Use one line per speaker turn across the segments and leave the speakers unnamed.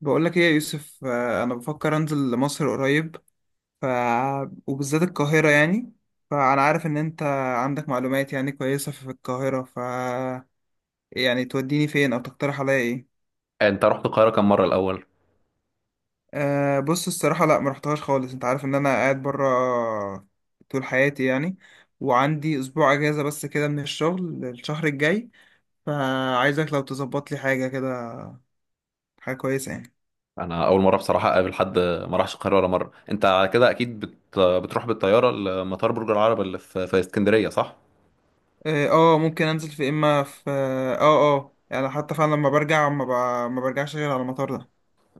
بقول لك ايه يا يوسف، انا بفكر انزل لمصر قريب. ف... وبالذات القاهرة يعني، فانا عارف ان انت عندك معلومات يعني كويسة في القاهرة، ف يعني توديني فين او تقترح عليا ايه؟
انت رحت القاهره كم مره الاول؟
بص الصراحة، لا ما رحتهاش خالص، انت عارف ان انا قاعد برا طول حياتي يعني، وعندي اسبوع اجازة بس كده من الشغل الشهر الجاي، فعايزك لو تظبط لي حاجة كده، حاجة كويسة يعني.
انا اول مره بصراحه اقابل حد ما راحش القاهره ولا مره. انت على كده اكيد بتروح بالطياره لمطار برج العرب اللي في اسكندريه، صح؟
ممكن انزل في اما في اه اه آه، يعني حتى فعلا لما برجع ما برجعش غير على المطار ده.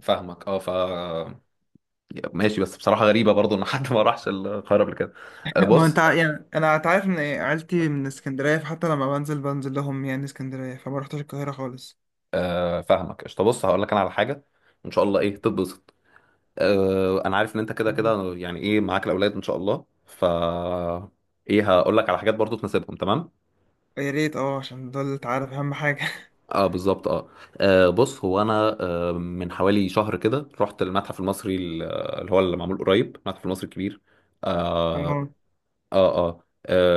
فاهمك اه. ماشي، بس بصراحه غريبه برضو ان حد ما راحش القاهره قبل كده.
ما انت
بص.
ع- يعني انا انت عارف ان عيلتي من اسكندريه، فحتى لما بنزل لهم يعني اسكندريه، فما رحتش القاهره خالص.
فاهمك قشطه، بص هقول لك انا على حاجه ان شاء الله ايه تتبسط. انا عارف ان انت كده
جميل.
كده يعني ايه معاك الاولاد ان شاء الله. ايه، هقول لك على حاجات برضو تناسبهم تمام.
يا ريت، عشان دول انت عارف اهم حاجه
اه بالظبط اه. بص، هو انا من حوالي شهر كده رحت المتحف المصري اللي هو اللي معمول قريب المتحف المصري الكبير. اه
تمام.
اه,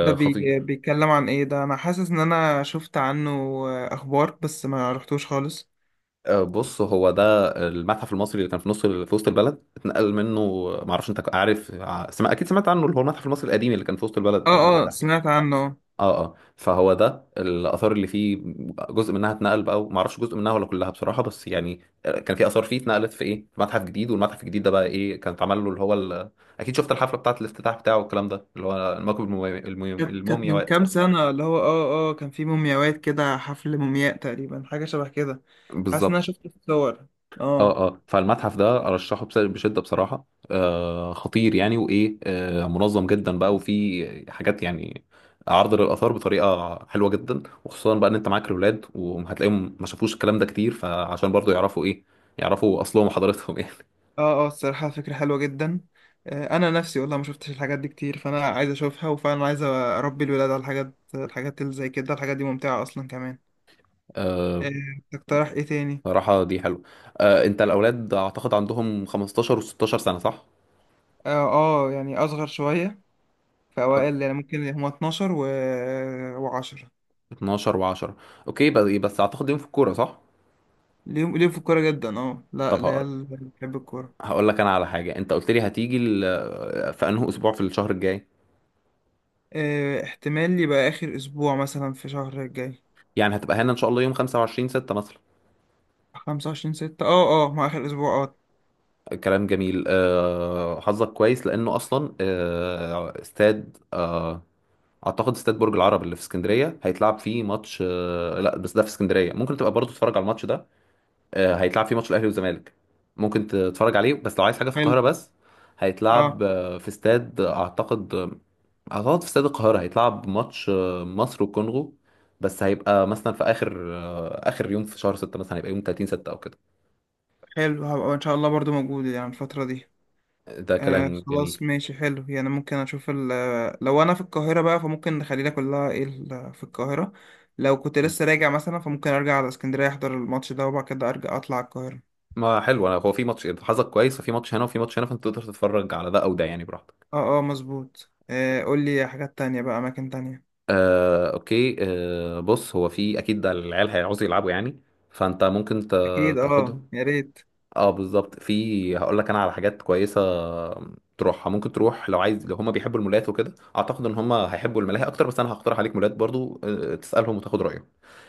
خطير.
بيتكلم عن ايه ده؟ انا حاسس ان انا شفت عنه اخبار، بس ما رحتوش خالص.
بص، هو ده المتحف المصري اللي كان في في وسط البلد اتنقل منه. ما اعرفش، انت عارف ع- سمع اكيد سمعت عنه، اللي هو المتحف المصري القديم اللي كان في وسط
اه
البلد عند
اه
التحرير.
سمعت عنه.
اه اه، فهو ده الاثار اللي فيه جزء منها اتنقل بقى. ما اعرفش جزء منها ولا كلها بصراحه، بس يعني كان في اثار فيه اتنقلت في ايه، في متحف جديد. والمتحف الجديد ده بقى ايه كان اتعمل له اللي هو اكيد شفت الحفله بتاعه الافتتاح بتاعه والكلام ده اللي هو الموكب
كانت من
المومياوات
كام سنة، اللي هو كان في مومياوات كده، حفل مومياء تقريبا، حاجة شبه كده. حاسس ان انا
بالظبط.
شفت الصور. اه
اه اه، فالمتحف ده ارشحه بشده بصراحه. خطير يعني. وايه، منظم جدا بقى وفي حاجات يعني عرض للاثار بطريقه حلوه جدا، وخصوصا بقى ان انت معاك الاولاد وهتلاقيهم ما شافوش الكلام ده كتير، فعشان برضو يعرفوا ايه، يعرفوا اصلهم وحضارتهم يعني.
اه. الصراحة فكرة حلوة جدا. انا نفسي والله ما شفتش الحاجات دي كتير، فانا عايز اشوفها، وفعلا عايز اربي الولاد على الحاجات اللي زي كده، الحاجات دي ممتعة اصلا كمان.
آه
آه، تقترح ايه تاني؟
بصراحه دي حلوه. انت، الاولاد اعتقد عندهم 15 و16 سنه، صح؟
اه اه يعني اصغر شوية، في اوائل يعني ممكن هما 12 و10.
12 و10، اوكي. بس بس اعتقد يوم في الكوره، صح؟
ليهم في الكورة جدا. اه، لا
طب، هقول
العيال بتحب الكورة.
هقول لك انا على حاجه. انت قلت لي هتيجي في انه اسبوع في الشهر الجاي.
احتمال يبقى آخر أسبوع مثلا في شهر الجاي.
يعني هتبقى هنا ان شاء الله يوم 25 6 مثلا.
25/6، ما آخر أسبوع اه.
كلام جميل. حظك كويس لانه اصلا استاد اعتقد استاد برج العرب اللي في اسكندريه هيتلعب فيه ماتش، لا، بس ده في اسكندريه، ممكن تبقى برضه تتفرج على الماتش ده. هيتلعب فيه ماتش الاهلي والزمالك، ممكن تتفرج عليه. بس لو عايز حاجه في
حلو.
القاهره بس، هيتلعب
اه
في استاد اعتقد هتقعد في استاد القاهرة، هيتلعب ماتش مصر والكونغو. بس هيبقى مثلا في آخر يوم في شهر ستة مثلا. هيبقى يوم 30 ستة أو كده.
حلو، هبقى إن شاء الله برضو موجود يعني الفترة دي.
ده كلام جميل.
خلاص ماشي، حلو يعني ممكن أشوف ال آه، لو أنا في القاهرة بقى فممكن نخلينا كلها في القاهرة. لو كنت
إيه؟
لسه راجع مثلا فممكن أرجع على اسكندرية، أحضر الماتش ده، وبعد كده أرجع أطلع على القاهرة.
ما حلو. أنا هو في ماتش، حظك كويس، ففي ماتش هنا وفي ماتش هنا، فأنت تقدر تتفرج على ده أو ده يعني، براحتك.
اه مظبوط. قول لي حاجات تانية بقى، أماكن تانية.
أوكي. بص، هو في أكيد ده العيال هيعوزوا يلعبوا يعني، فأنت ممكن
أكيد، اه،
تاخدهم.
يا ريت.
اه بالظبط، في هقول لك انا على حاجات كويسه تروحها. ممكن تروح لو عايز، لو هما بيحبوا المولات وكده. اعتقد ان هما هيحبوا الملاهي اكتر، بس انا هقترح عليك مولات برضو. تسالهم وتاخد رايهم.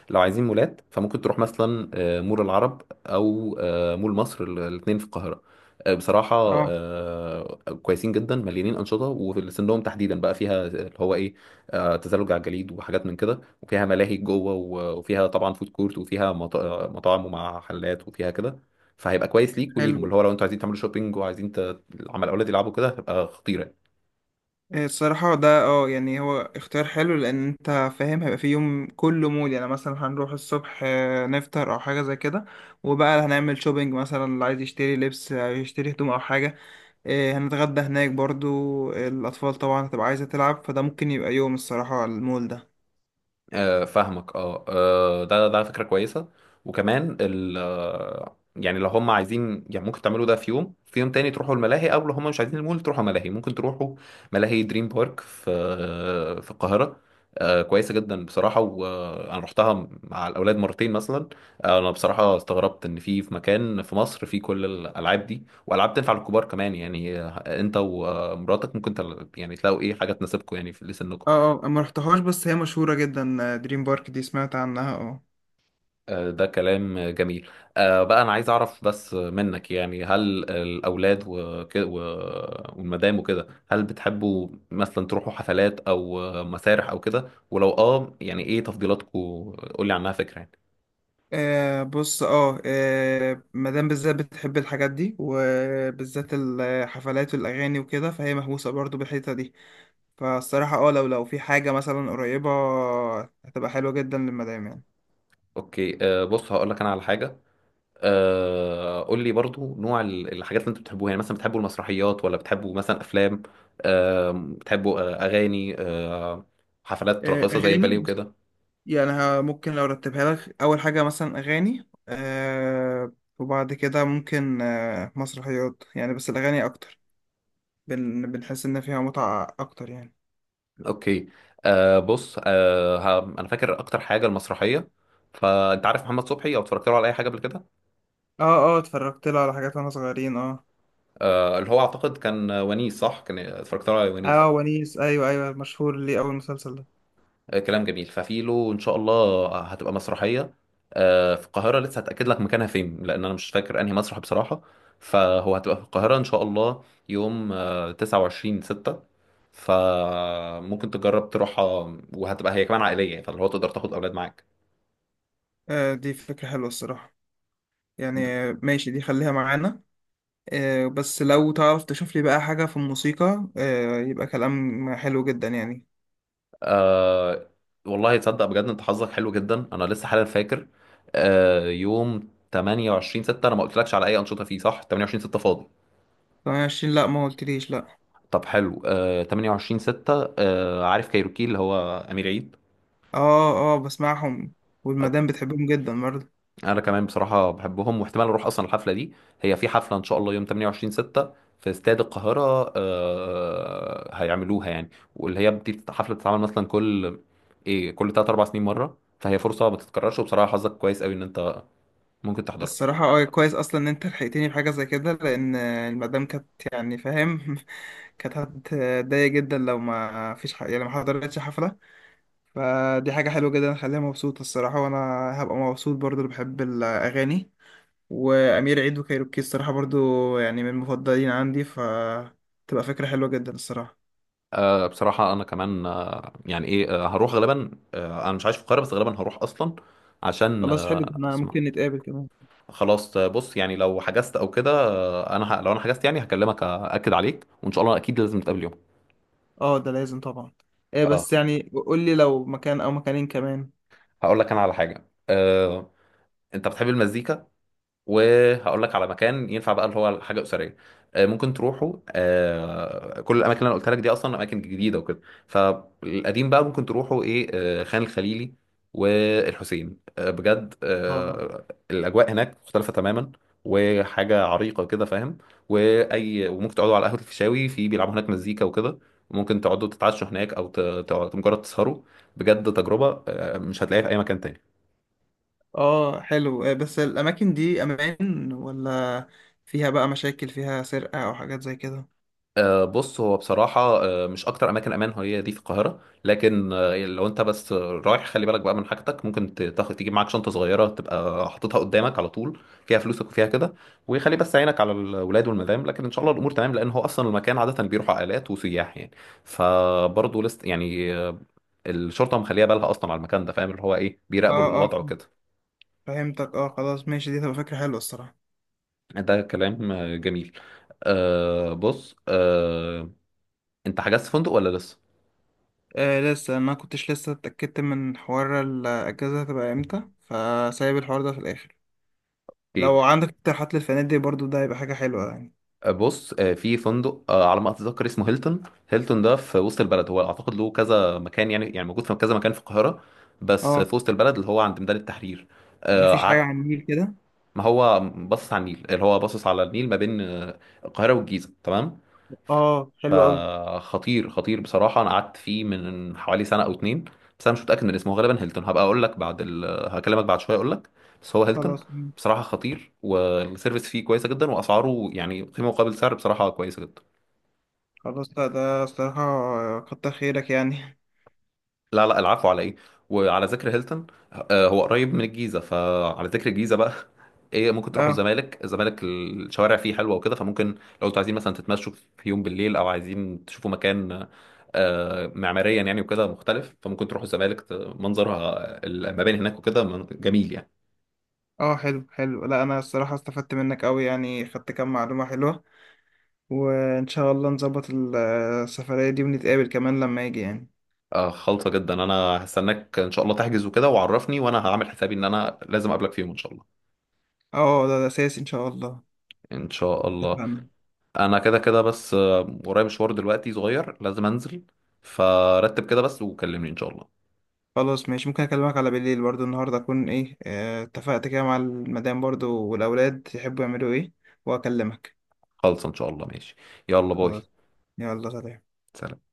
لو عايزين مولات فممكن تروح مثلا مول العرب او مول مصر، الاثنين في القاهره. بصراحه
اه،
كويسين جدا، مليانين انشطه، وسنهم تحديدا بقى فيها اللي هو ايه، تزلج على الجليد وحاجات من كده، وفيها ملاهي جوه وفيها طبعا فود كورت، وفيها مطاعم ومع حلات وفيها كده. فهيبقى كويس ليك وليهم، اللي
حلو.
هو لو انتوا عايزين تعملوا شوبينج وعايزين عمال الاولاد يلعبوا كده، هتبقى خطيره.
إيه الصراحة ده، يعني هو اختيار حلو، لأن أنت فاهم هيبقى في يوم كله مول يعني. مثلا هنروح الصبح نفطر أو حاجة زي كده، وبقى هنعمل شوبينج، مثلا اللي عايز يشتري لبس أو يشتري هدوم أو حاجة. إيه، هنتغدى هناك برضو. الأطفال طبعا هتبقى عايزة تلعب، فده ممكن يبقى يوم الصراحة المول ده.
فاهمك اه. ده فكرة كويسة. وكمان ال آه، يعني لو هم عايزين يعني ممكن تعملوا ده في يوم في يوم تاني تروحوا الملاهي، او لو هم مش عايزين المول تروحوا ملاهي، ممكن تروحوا ملاهي دريم بارك في القاهرة. كويسة جدا بصراحة، وانا رحتها مع الاولاد مرتين مثلا. انا بصراحة استغربت ان في مكان في مصر في كل الالعاب دي، والعاب تنفع للكبار كمان يعني. انت ومراتك ممكن يعني تلاقوا ايه حاجة تناسبكم يعني في لسنكم.
اه أنا مرحتهاش، بس هي مشهورة جدا دريم بارك دي، سمعت عنها اه.
ده كلام جميل. بقى أنا عايز أعرف بس منك يعني، هل الأولاد وكده والمدام وكده هل بتحبوا مثلا تروحوا حفلات أو مسارح أو كده. ولو يعني إيه تفضيلاتكم، قولي عنها فكرة يعني.
آه بص اه آه، مدام بالذات بتحب الحاجات دي، وبالذات الحفلات والاغاني وكده، فهي مهووسه برضو بالحته دي. فالصراحه لو في حاجه مثلا قريبه، هتبقى حلوه جدا للمدام يعني.
أوكي. بص هقول لك أنا على حاجة. قول لي برضو نوع الحاجات اللي أنتوا بتحبوها، يعني مثلا بتحبوا المسرحيات ولا بتحبوا مثلا أفلام، بتحبوا أغاني، حفلات راقصة زي
اغاني،
الباليه
بص.
وكده.
يعني ممكن لو رتبها لك اول حاجه مثلا اغاني، وبعد كده ممكن مسرحيات يعني، بس الاغاني اكتر، بنحس ان فيها متعه اكتر يعني.
اوكي. بص، انا فاكر اكتر حاجه المسرحيه. فانت عارف محمد صبحي، او اتفرجت له على اي حاجه قبل كده؟
اه اه اتفرجت لها على حاجات وانا صغيرين اه.
اللي هو اعتقد كان ونيس، صح، كان اتفرجت له على ونيس.
اه، ونيس، ايوه ايوه مشهور ليه، اول مسلسل ده.
كلام جميل. ففي له ان شاء الله هتبقى مسرحيه في القاهره. لسه هتاكد لك مكانها فين لان انا مش فاكر انهي مسرح بصراحه. فهو هتبقى في القاهره ان شاء الله يوم 29 6، فممكن تجرب تروحها. وهتبقى هي كمان عائليه، فاللي هو تقدر تاخد اولاد معاك.
دي فكرة حلوة الصراحة يعني. ماشي، دي خليها معانا. بس لو تعرف تشوف لي بقى حاجة في الموسيقى، يبقى كلام حلو جدا يعني.
آه والله تصدق بجد، انت حظك حلو جدا، انا لسه حالا فاكر يوم 28 6 انا ما قلتلكش على اي انشطه فيه، صح؟ 28 6 فاضي.
طب 20، لا ما قلتليش لا.
طب حلو. 28 6، عارف كايروكي اللي هو امير عيد؟
اه بسمعهم،
أوكي.
والمدام بتحبهم جدا برضه.
انا كمان بصراحه بحبهم، واحتمال اروح اصلا الحفله دي. هي في حفله ان شاء الله يوم 28 6 في استاد القاهره، هيعملوها يعني. واللي هي دي حفله بتتعمل مثلا كل ايه، كل 3 4 سنين مره، فهي فرصه ما تتكررش، وبصراحه حظك كويس قوي ان انت ممكن تحضرها.
الصراحة كويس اصلا ان انت لحقتني بحاجة زي كده، لان المدام كانت، يعني فاهم كانت هتضايق جدا لو ما فيش ح... يعني ما حضرتش حفلة، فدي حاجة حلوة جدا خليها مبسوطة الصراحة، وأنا هبقى مبسوط برضو، اللي بحب الأغاني وأمير عيد وكايروكي، الصراحة برضو يعني من المفضلين عندي، فتبقى فكرة حلوة جدا الصراحة.
بصراحة أنا كمان يعني إيه، هروح غالبا. أنا مش عايش في القاهرة بس غالبا هروح أصلا عشان
خلاص، حلو ده، احنا
أسمع.
ممكن نتقابل كمان.
خلاص. بص يعني لو حجزت أو كده، أنا لو أنا حجزت يعني هكلمك أكد عليك، وإن شاء الله أكيد لازم نتقابل يوم.
اه، ده لازم طبعا. ايه،
أه
بس يعني قول لي لو مكان أو مكانين كمان.
هقول لك أنا على حاجة أنت بتحب المزيكا، وهقول لك على مكان ينفع بقى اللي هو حاجه اسريه. ممكن تروحوا كل الاماكن اللي انا قلت لك دي اصلا اماكن جديده وكده، فالقديم بقى ممكن تروحوا ايه، خان الخليلي والحسين. بجد
اه
الاجواء هناك مختلفه تماما، وحاجه عريقه كده، فاهم. واي، وممكن تقعدوا على قهوه الفيشاوي، في بيلعبوا هناك مزيكا وكده. وممكن تقعدوا تتعشوا هناك، او مجرد تسهروا. بجد تجربه مش هتلاقيها في اي مكان تاني.
اه حلو. إيه بس الأماكن دي أمان ولا فيها بقى مشاكل، فيها سرقة أو حاجات زي كده؟
بص، هو بصراحة مش أكتر أماكن أمان هي دي في القاهرة، لكن لو أنت بس رايح خلي بالك بقى من حاجتك. ممكن تجيب معاك شنطة صغيرة تبقى حاططها قدامك على طول، فيها فلوسك وفيها كده. وخلي بس عينك على الولاد والمدام، لكن إن شاء الله الأمور تمام، لأن هو أصلا المكان عادة بيروح عائلات وسياح يعني. فبرضه لست يعني الشرطة مخليها بالها أصلا على المكان ده، فاهم، اللي هو إيه بيراقبوا
اه
الوضع
اه
وكده.
فهمتك، اه، خلاص ماشي، دي تبقى فكرة حلوة الصراحة.
ده كلام جميل. بص، أنت حجزت فندق ولا لسه؟
لسه ما كنتش لسه اتأكدت من حوار الأجازة هتبقى امتى، فسايب الحوار ده في الآخر. لو عندك اقتراحات للفنادق برضو ده هيبقى حاجة حلوة يعني.
بص، في فندق على ما اتذكر اسمه هيلتون. هيلتون ده في وسط البلد، هو اعتقد له كذا مكان، يعني موجود في كذا مكان في القاهره، بس
اه،
في وسط البلد اللي هو عند ميدان التحرير.
مفيش حاجة
قعدت.
على النيل كده؟
ما هو باصص على النيل، اللي هو باصص على النيل ما بين القاهره والجيزه، تمام.
اه، حلو أوي.
فخطير خطير بصراحه، انا قعدت فيه من حوالي سنه او اتنين. بس انا مش متاكد من اسمه، غالبا هيلتون. هبقى اقول لك بعد هكلمك بعد شويه اقول لك، بس هو هيلتون.
خلاص. مم.
بصراحه خطير، والسيرفيس فيه كويسه جدا، واسعاره يعني قيمه مقابل سعر بصراحه كويسه جدا.
خلاص، لا ده الصراحة، كتر خيرك يعني.
لا لا، العفو على ايه. وعلى ذكر هيلتون هو قريب من الجيزه، فعلى ذكر الجيزه بقى ايه، ممكن تروحوا
اه
الزمالك. الشوارع فيه حلوه وكده، فممكن لو انتوا عايزين مثلا تتمشوا في يوم بالليل، او عايزين تشوفوا مكان معماريا يعني وكده مختلف، فممكن تروحوا الزمالك. منظرها المباني هناك وكده جميل يعني.
اه حلو حلو، لا أنا الصراحة استفدت منك أوي يعني، خدت كام معلومة حلوة، وإن شاء الله نظبط السفرية دي، ونتقابل كمان لما يجي يعني.
خالصه جدا، انا هستناك ان شاء الله تحجز وكده وعرفني، وانا هعمل حسابي ان انا لازم اقابلك في يوم ان شاء الله.
اه ده أساسي إن شاء الله.
ان شاء الله.
اتفقنا.
انا كده كده بس ورايا مشوار دلوقتي صغير لازم انزل. فرتب كده بس وكلمني ان شاء الله.
خلاص ماشي، ممكن اكلمك على بالليل برضو النهارده، اكون ايه آه، اتفقت كده مع المدام برضو، والاولاد يحبوا يعملوا ايه، واكلمك.
خلص، ان شاء الله ماشي. يلا باي.
خلاص، يلا سلام.
سلام.